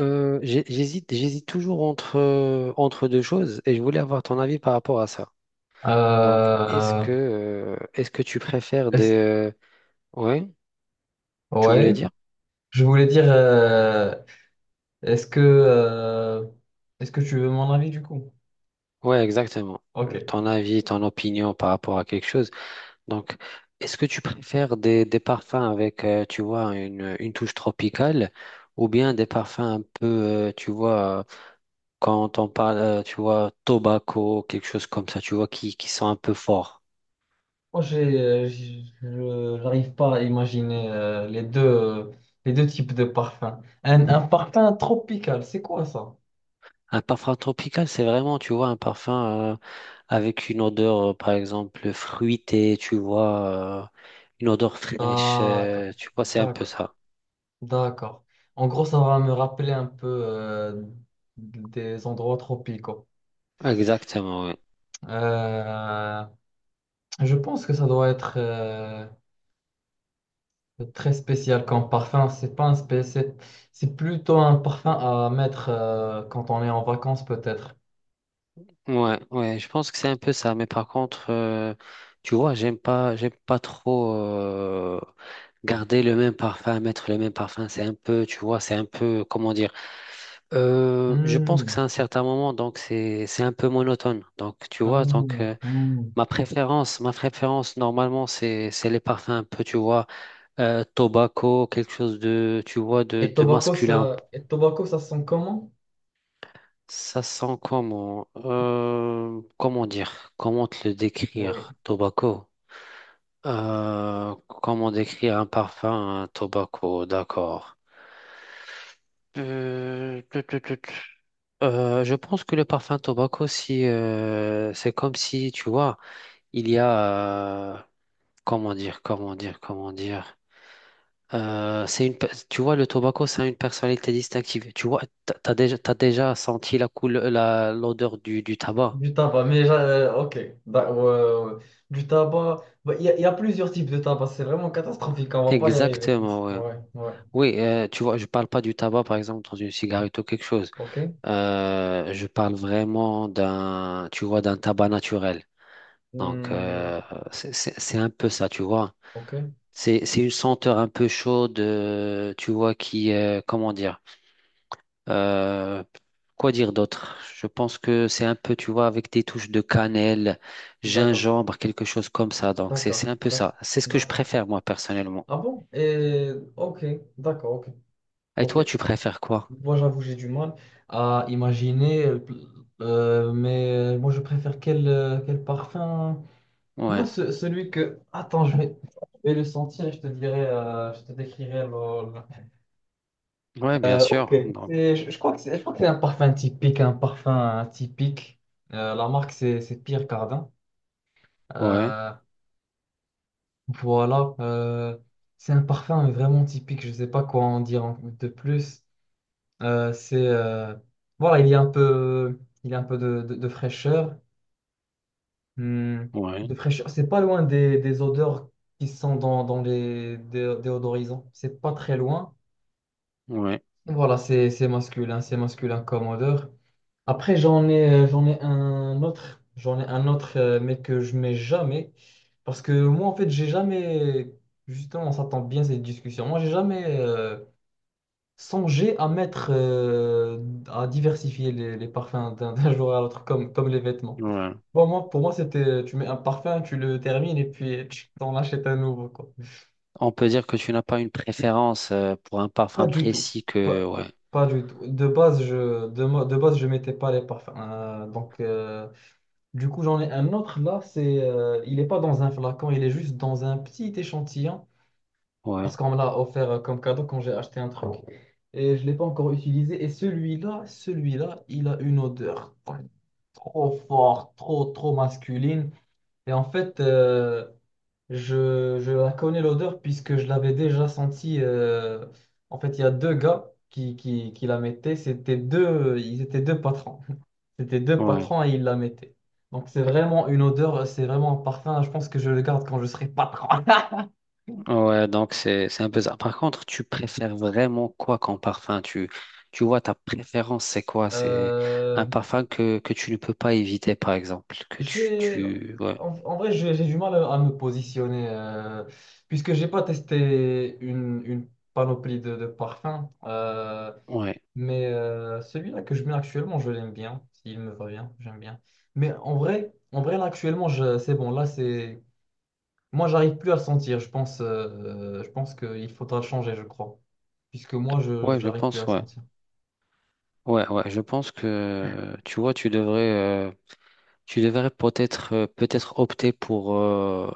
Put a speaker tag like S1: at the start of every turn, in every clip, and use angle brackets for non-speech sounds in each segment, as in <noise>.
S1: J'hésite toujours entre deux choses et je voulais avoir ton avis par rapport à ça. Donc, est-ce
S2: Euh,
S1: que, euh, est-ce que tu préfères
S2: est-ce-
S1: ouais, tu voulais
S2: ouais,
S1: dire?
S2: je voulais dire, est-ce que, euh, est-ce que tu veux mon avis du coup?
S1: Ouais, exactement.
S2: Ok.
S1: Ton avis, ton opinion par rapport à quelque chose. Donc, est-ce que tu préfères des parfums avec, tu vois, une touche tropicale ou bien des parfums un peu, tu vois, quand on parle, tu vois, tobacco, quelque chose comme ça, tu vois, qui sont un peu forts?
S2: Moi, j'ai, je n'arrive pas à imaginer, les deux types de parfums. Un parfum tropical, c'est quoi ça?
S1: Un parfum tropical, c'est vraiment, tu vois, un parfum avec une odeur, par exemple, fruitée, tu vois, une odeur fraîche,
S2: D'accord,
S1: tu vois, c'est un peu
S2: d'accord,
S1: ça.
S2: d'accord. En gros, ça va me rappeler un peu, des endroits tropicaux.
S1: Exactement, ouais.
S2: Euh, je pense que ça doit être. C'est très spécial comme parfum, c'est pas un, c'est plutôt un parfum à mettre, quand on est en vacances peut-être.
S1: Ouais, ouais, je pense que c'est un peu ça. Mais par contre, tu vois, j'aime pas trop garder le même parfum, mettre le même parfum. C'est un peu, tu vois, c'est un peu, comment dire. Je pense que
S2: Hmm.
S1: c'est un certain moment, donc c'est un peu monotone. Donc, tu
S2: Ah.
S1: vois,
S2: Hmm.
S1: ma préférence normalement c'est les parfums un peu, tu vois, tobacco, quelque chose de, tu vois, de,
S2: Et
S1: de
S2: tobacco
S1: masculin.
S2: ça et tobacco ça sent comment?
S1: Ça sent comment? Comment dire, comment te le
S2: Oui,
S1: décrire, tobacco? Comment décrire un parfum, un tobacco? D'accord. Tut, tut, tut. Je pense que le parfum tobacco, si c'est comme si, tu vois, il y a comment dire. C'est tu vois, le tobacco, c'est une personnalité distinctive. Tu vois, t'as déjà senti la couleur, l'odeur du tabac.
S2: du tabac, mais ok. Ouais, ouais, ouais. Du tabac, bah, il y a plusieurs types de tabac, c'est vraiment catastrophique, on va pas y arriver comme ça.
S1: Exactement, ouais.
S2: Ouais, ouais,
S1: Oui, tu vois, je parle pas du tabac, par exemple, dans une cigarette ou quelque chose.
S2: ok.
S1: Je parle vraiment d'un, tu vois, d'un tabac naturel. Donc,
S2: Hmm.
S1: c'est un peu ça, tu vois.
S2: Ok,
S1: C'est une senteur un peu chaude, tu vois, qui, comment dire? Euh, quoi dire d'autre? Je pense que c'est un peu, tu vois, avec des touches de cannelle,
S2: d'accord,
S1: gingembre, quelque chose comme ça. Donc, c'est,
S2: d'accord,
S1: c'est un peu
S2: d'accord,
S1: ça. C'est ce que je
S2: d'accord.
S1: préfère, moi, personnellement.
S2: Ah bon? Et ok, d'accord, ok.
S1: Et
S2: Ok.
S1: toi, tu préfères quoi?
S2: Moi, j'avoue, j'ai du mal à imaginer, mais moi, je préfère quel, quel parfum. Moi,
S1: Ouais.
S2: celui que. Attends, je vais le sentir et je te dirai, je te décrirai le.
S1: Ouais, bien
S2: Ok.
S1: sûr. Donc,
S2: Je crois que c'est un parfum typique, un parfum typique. La marque, c'est Pierre Cardin.
S1: ouais,
S2: Euh, voilà. C'est un parfum vraiment typique. Je ne sais pas quoi en dire de plus. C'est, voilà, il y a un peu de, de fraîcheur. Hmm.
S1: ouais,
S2: De fraîcheur. C'est pas loin des odeurs qui sont dans les déodorisants. C'est pas très loin.
S1: ouais,
S2: Voilà, c'est masculin, c'est masculin comme odeur. Après, j'en ai un autre, j'en ai un autre, mais que je mets jamais, parce que moi en fait, j'ai jamais, justement, on s'attend bien à cette discussion. Moi, j'ai jamais, songer à mettre, à diversifier les parfums d'un jour à l'autre, comme les vêtements.
S1: ouais.
S2: Bon, moi, pour moi, c'était: tu mets un parfum, tu le termines et puis tu t'en achètes un nouveau, quoi.
S1: On peut dire que tu n'as pas une préférence, pour un
S2: Pas
S1: parfum
S2: du tout.
S1: précis que,
S2: Pas,
S1: ouais,
S2: pas du tout. De base, je mettais pas les parfums. Donc, du coup, j'en ai un autre là, c'est, il n'est pas dans un flacon, il est juste dans un petit échantillon, parce
S1: ouais,
S2: qu'on me l'a offert, comme cadeau quand j'ai acheté un truc. Et je ne l'ai pas encore utilisé. Et celui-là, il a une odeur trop forte, trop, trop masculine. Et en fait, je la connais, l'odeur, puisque je l'avais déjà sentie. En fait, il y a deux gars qui la mettaient. C'était deux, ils étaient deux patrons. <laughs> C'était deux
S1: ouais.
S2: patrons et ils la mettaient. Donc, c'est vraiment une odeur, c'est vraiment un parfum. Je pense que je le garde quand je serai patron. <laughs>
S1: Ouais, donc c'est un peu ça. Par contre, tu préfères vraiment quoi comme parfum? Tu vois, ta préférence, c'est quoi? C'est un
S2: Euh,
S1: parfum que tu ne peux pas éviter, par exemple, que tu
S2: J'ai,
S1: tu ouais,
S2: en vrai, j'ai du mal à me positionner, puisque j'ai pas testé une panoplie de parfums,
S1: ouais,
S2: mais, celui-là que je mets actuellement, je l'aime bien. S'il me va bien, j'aime bien. Mais en vrai, là, actuellement, c'est bon. Là, c'est, moi, j'arrive plus à le sentir. Je pense qu'il faudra le changer, je crois, puisque moi, je
S1: ouais, je
S2: j'arrive plus à
S1: pense.
S2: le
S1: Ouais,
S2: sentir.
S1: ouais, ouais, je pense que, tu vois, tu devrais peut-être opter pour,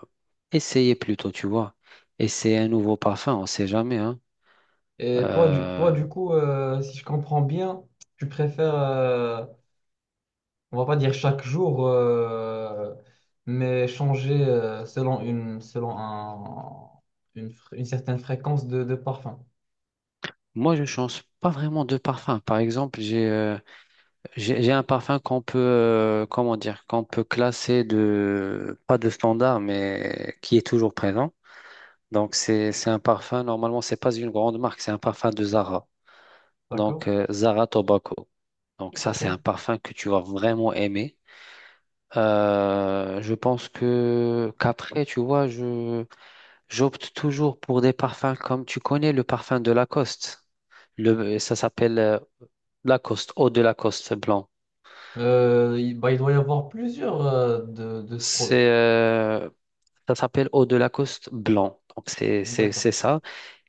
S1: essayer plutôt, tu vois, essayer un nouveau parfum, on sait jamais, hein.
S2: Et toi,
S1: Euh,
S2: du coup, si je comprends bien, tu préfères, on va pas dire chaque jour, mais changer, selon un, une certaine fréquence de parfum.
S1: Moi, je change pas vraiment de parfum. Par exemple, j'ai un parfum qu'on peut, comment dire, qu'on peut classer de, pas de standard, mais qui est toujours présent. Donc, c'est un parfum, normalement, c'est pas une grande marque, c'est un parfum de Zara. Donc,
S2: D'accord?
S1: Zara Tobacco. Donc, ça,
S2: Ok.
S1: c'est un parfum que tu vas vraiment aimer. Je pense que, qu'après, tu vois, j'opte toujours pour des parfums comme, tu connais le parfum de Lacoste. Ça s'appelle Lacoste, eau de Lacoste blanc.
S2: Bah, il doit y avoir plusieurs, de ce produit.
S1: C'est, euh, Ça s'appelle Eau de Lacoste blanc. Donc, c'est
S2: D'accord.
S1: ça.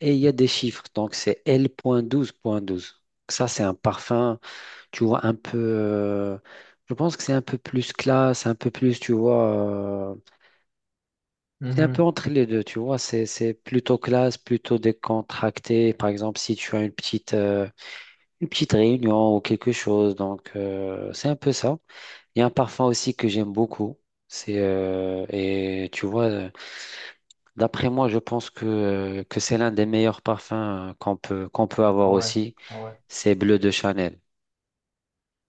S1: Et il y a des chiffres. Donc, c'est L point point 12 point 12. Ça, c'est un parfum, tu vois, un peu. Je pense que c'est un peu plus classe, un peu plus, tu vois. C'est un peu
S2: Mhm.
S1: entre les deux, tu vois. C'est plutôt classe, plutôt décontracté. Par exemple, si tu as une petite réunion ou quelque chose. Donc, c'est un peu ça. Il y a un parfum aussi que j'aime beaucoup. C'est. Et tu vois. D'après moi, je pense que, c'est l'un des meilleurs parfums, qu'on peut
S2: Ah
S1: avoir
S2: ouais.
S1: aussi.
S2: Ah ouais.
S1: C'est Bleu de Chanel.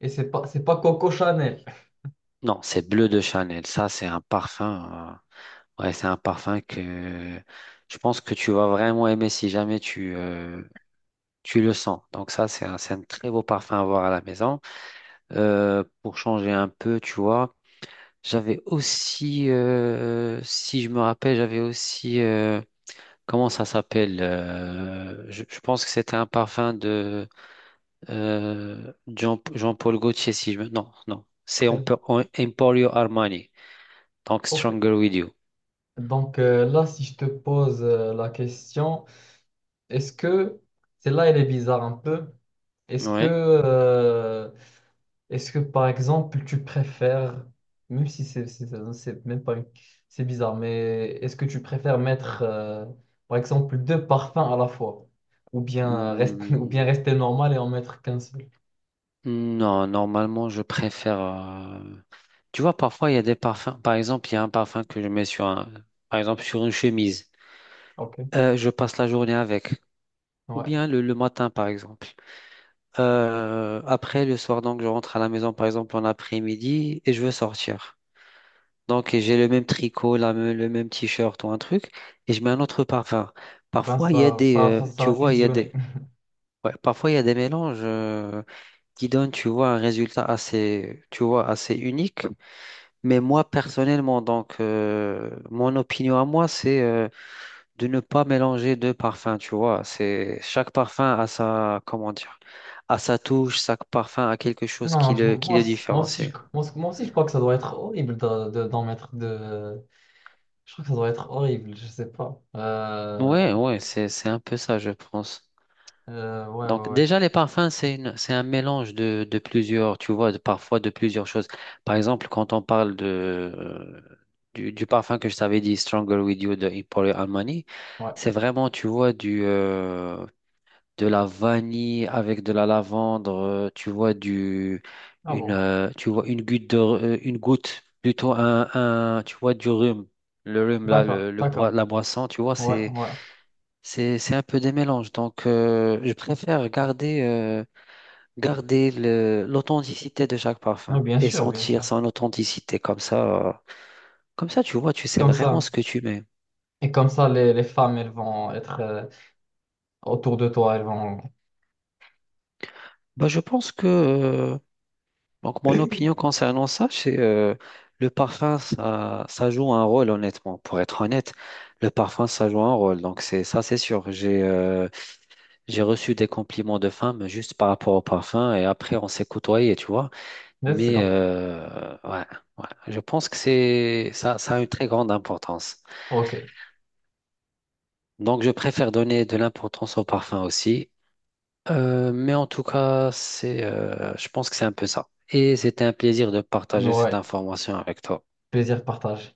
S2: Et c'est pas Coco Chanel.
S1: Non, c'est Bleu de Chanel. Ça, c'est un parfum. Ouais, c'est un parfum que je pense que tu vas vraiment aimer si jamais tu le sens. Donc ça, c'est un très beau parfum à avoir à la maison. Pour changer un peu, tu vois. J'avais aussi, si je me rappelle, j'avais aussi, comment ça s'appelle? Je pense que c'était un parfum de... Jean-Paul Gaultier, si je me... Non, non. C'est
S2: <laughs> Ok.
S1: Emporio Armani. Donc,
S2: Ok.
S1: Stronger With You.
S2: Donc, là, si je te pose, la question, est-ce que, celle-là, elle est bizarre un peu. Est-ce que
S1: Ouais.
S2: euh, Est-ce que par exemple tu préfères, même si c'est même pas c'est bizarre, mais est-ce que tu préfères mettre, par exemple, deux parfums à la fois ou bien rester <laughs> ou bien
S1: Hmm,
S2: rester normal et en mettre qu'un seul?
S1: non, normalement, tu vois, parfois, il y a des parfums. Par exemple, il y a un parfum que je mets Par exemple, sur une chemise.
S2: Ok,
S1: Je passe la journée avec. Ou
S2: ouais.
S1: bien le matin, par exemple. Après, le soir, donc, je rentre à la maison, par exemple, en après-midi, et je veux sortir. Donc, et j'ai le même tricot, le même t-shirt ou un truc, et je mets un autre parfum.
S2: Ben
S1: Parfois, il y a des,
S2: ça
S1: tu
S2: va
S1: vois, il y a
S2: fusionner.
S1: des,
S2: <laughs>
S1: ouais, parfois, il y a des mélanges, qui donnent, tu vois, un résultat assez, tu vois, assez unique. Mais moi, personnellement, donc, mon opinion à moi, c'est de ne pas mélanger deux parfums, tu vois. C'est, chaque parfum a sa, comment dire, a sa touche, chaque parfum a quelque chose
S2: Non,
S1: qui le, qui
S2: moi,
S1: le
S2: c- moi aussi je,
S1: différencie.
S2: moi, c- moi aussi je crois que ça doit être horrible d'en mettre deux. Je crois que ça doit être horrible, je sais pas.
S1: Ouais, ouais, c'est un peu ça, je pense.
S2: Ouais,
S1: Donc
S2: ouais, ouais,
S1: déjà, les parfums, c'est un mélange de plusieurs, tu vois, parfois de plusieurs choses. Par exemple, quand on parle du parfum que je t'avais dit, Stronger With You de Emporio Armani,
S2: ouais.
S1: c'est vraiment, tu vois, de la vanille avec de la lavande, tu vois, du,
S2: Ah bon.
S1: une goutte une goutte, plutôt tu vois, du rhum. Le rhum, là,
S2: D'accord, d'accord.
S1: la boisson, tu vois,
S2: Ouais,
S1: c'est...
S2: ouais.
S1: C'est un peu des mélanges. Donc, je préfère garder l'authenticité de chaque
S2: Oui,
S1: parfum
S2: bien
S1: et
S2: sûr, bien
S1: sentir
S2: sûr.
S1: son authenticité. Comme ça, tu vois, tu sais
S2: Comme
S1: vraiment
S2: ça.
S1: ce que tu mets.
S2: Et comme ça, les femmes, elles vont être, autour de toi, elles vont...
S1: Bah, je pense que, donc, mon
S2: <laughs>
S1: opinion concernant ça, c'est le parfum, ça joue un rôle, honnêtement. Pour être honnête, le parfum, ça joue un rôle. Donc, c'est ça, c'est sûr. J'ai reçu des compliments de femmes juste par rapport au parfum et après, on s'est côtoyé, tu vois.
S2: Let's
S1: Mais
S2: go.
S1: euh, ouais, ouais, je pense que c'est ça, ça a une très grande importance.
S2: OK.
S1: Donc je préfère donner de l'importance au parfum aussi. Mais en tout cas, je pense que c'est un peu ça. Et c'était un plaisir de partager cette
S2: Ouais.
S1: information avec toi.
S2: Plaisir partagé.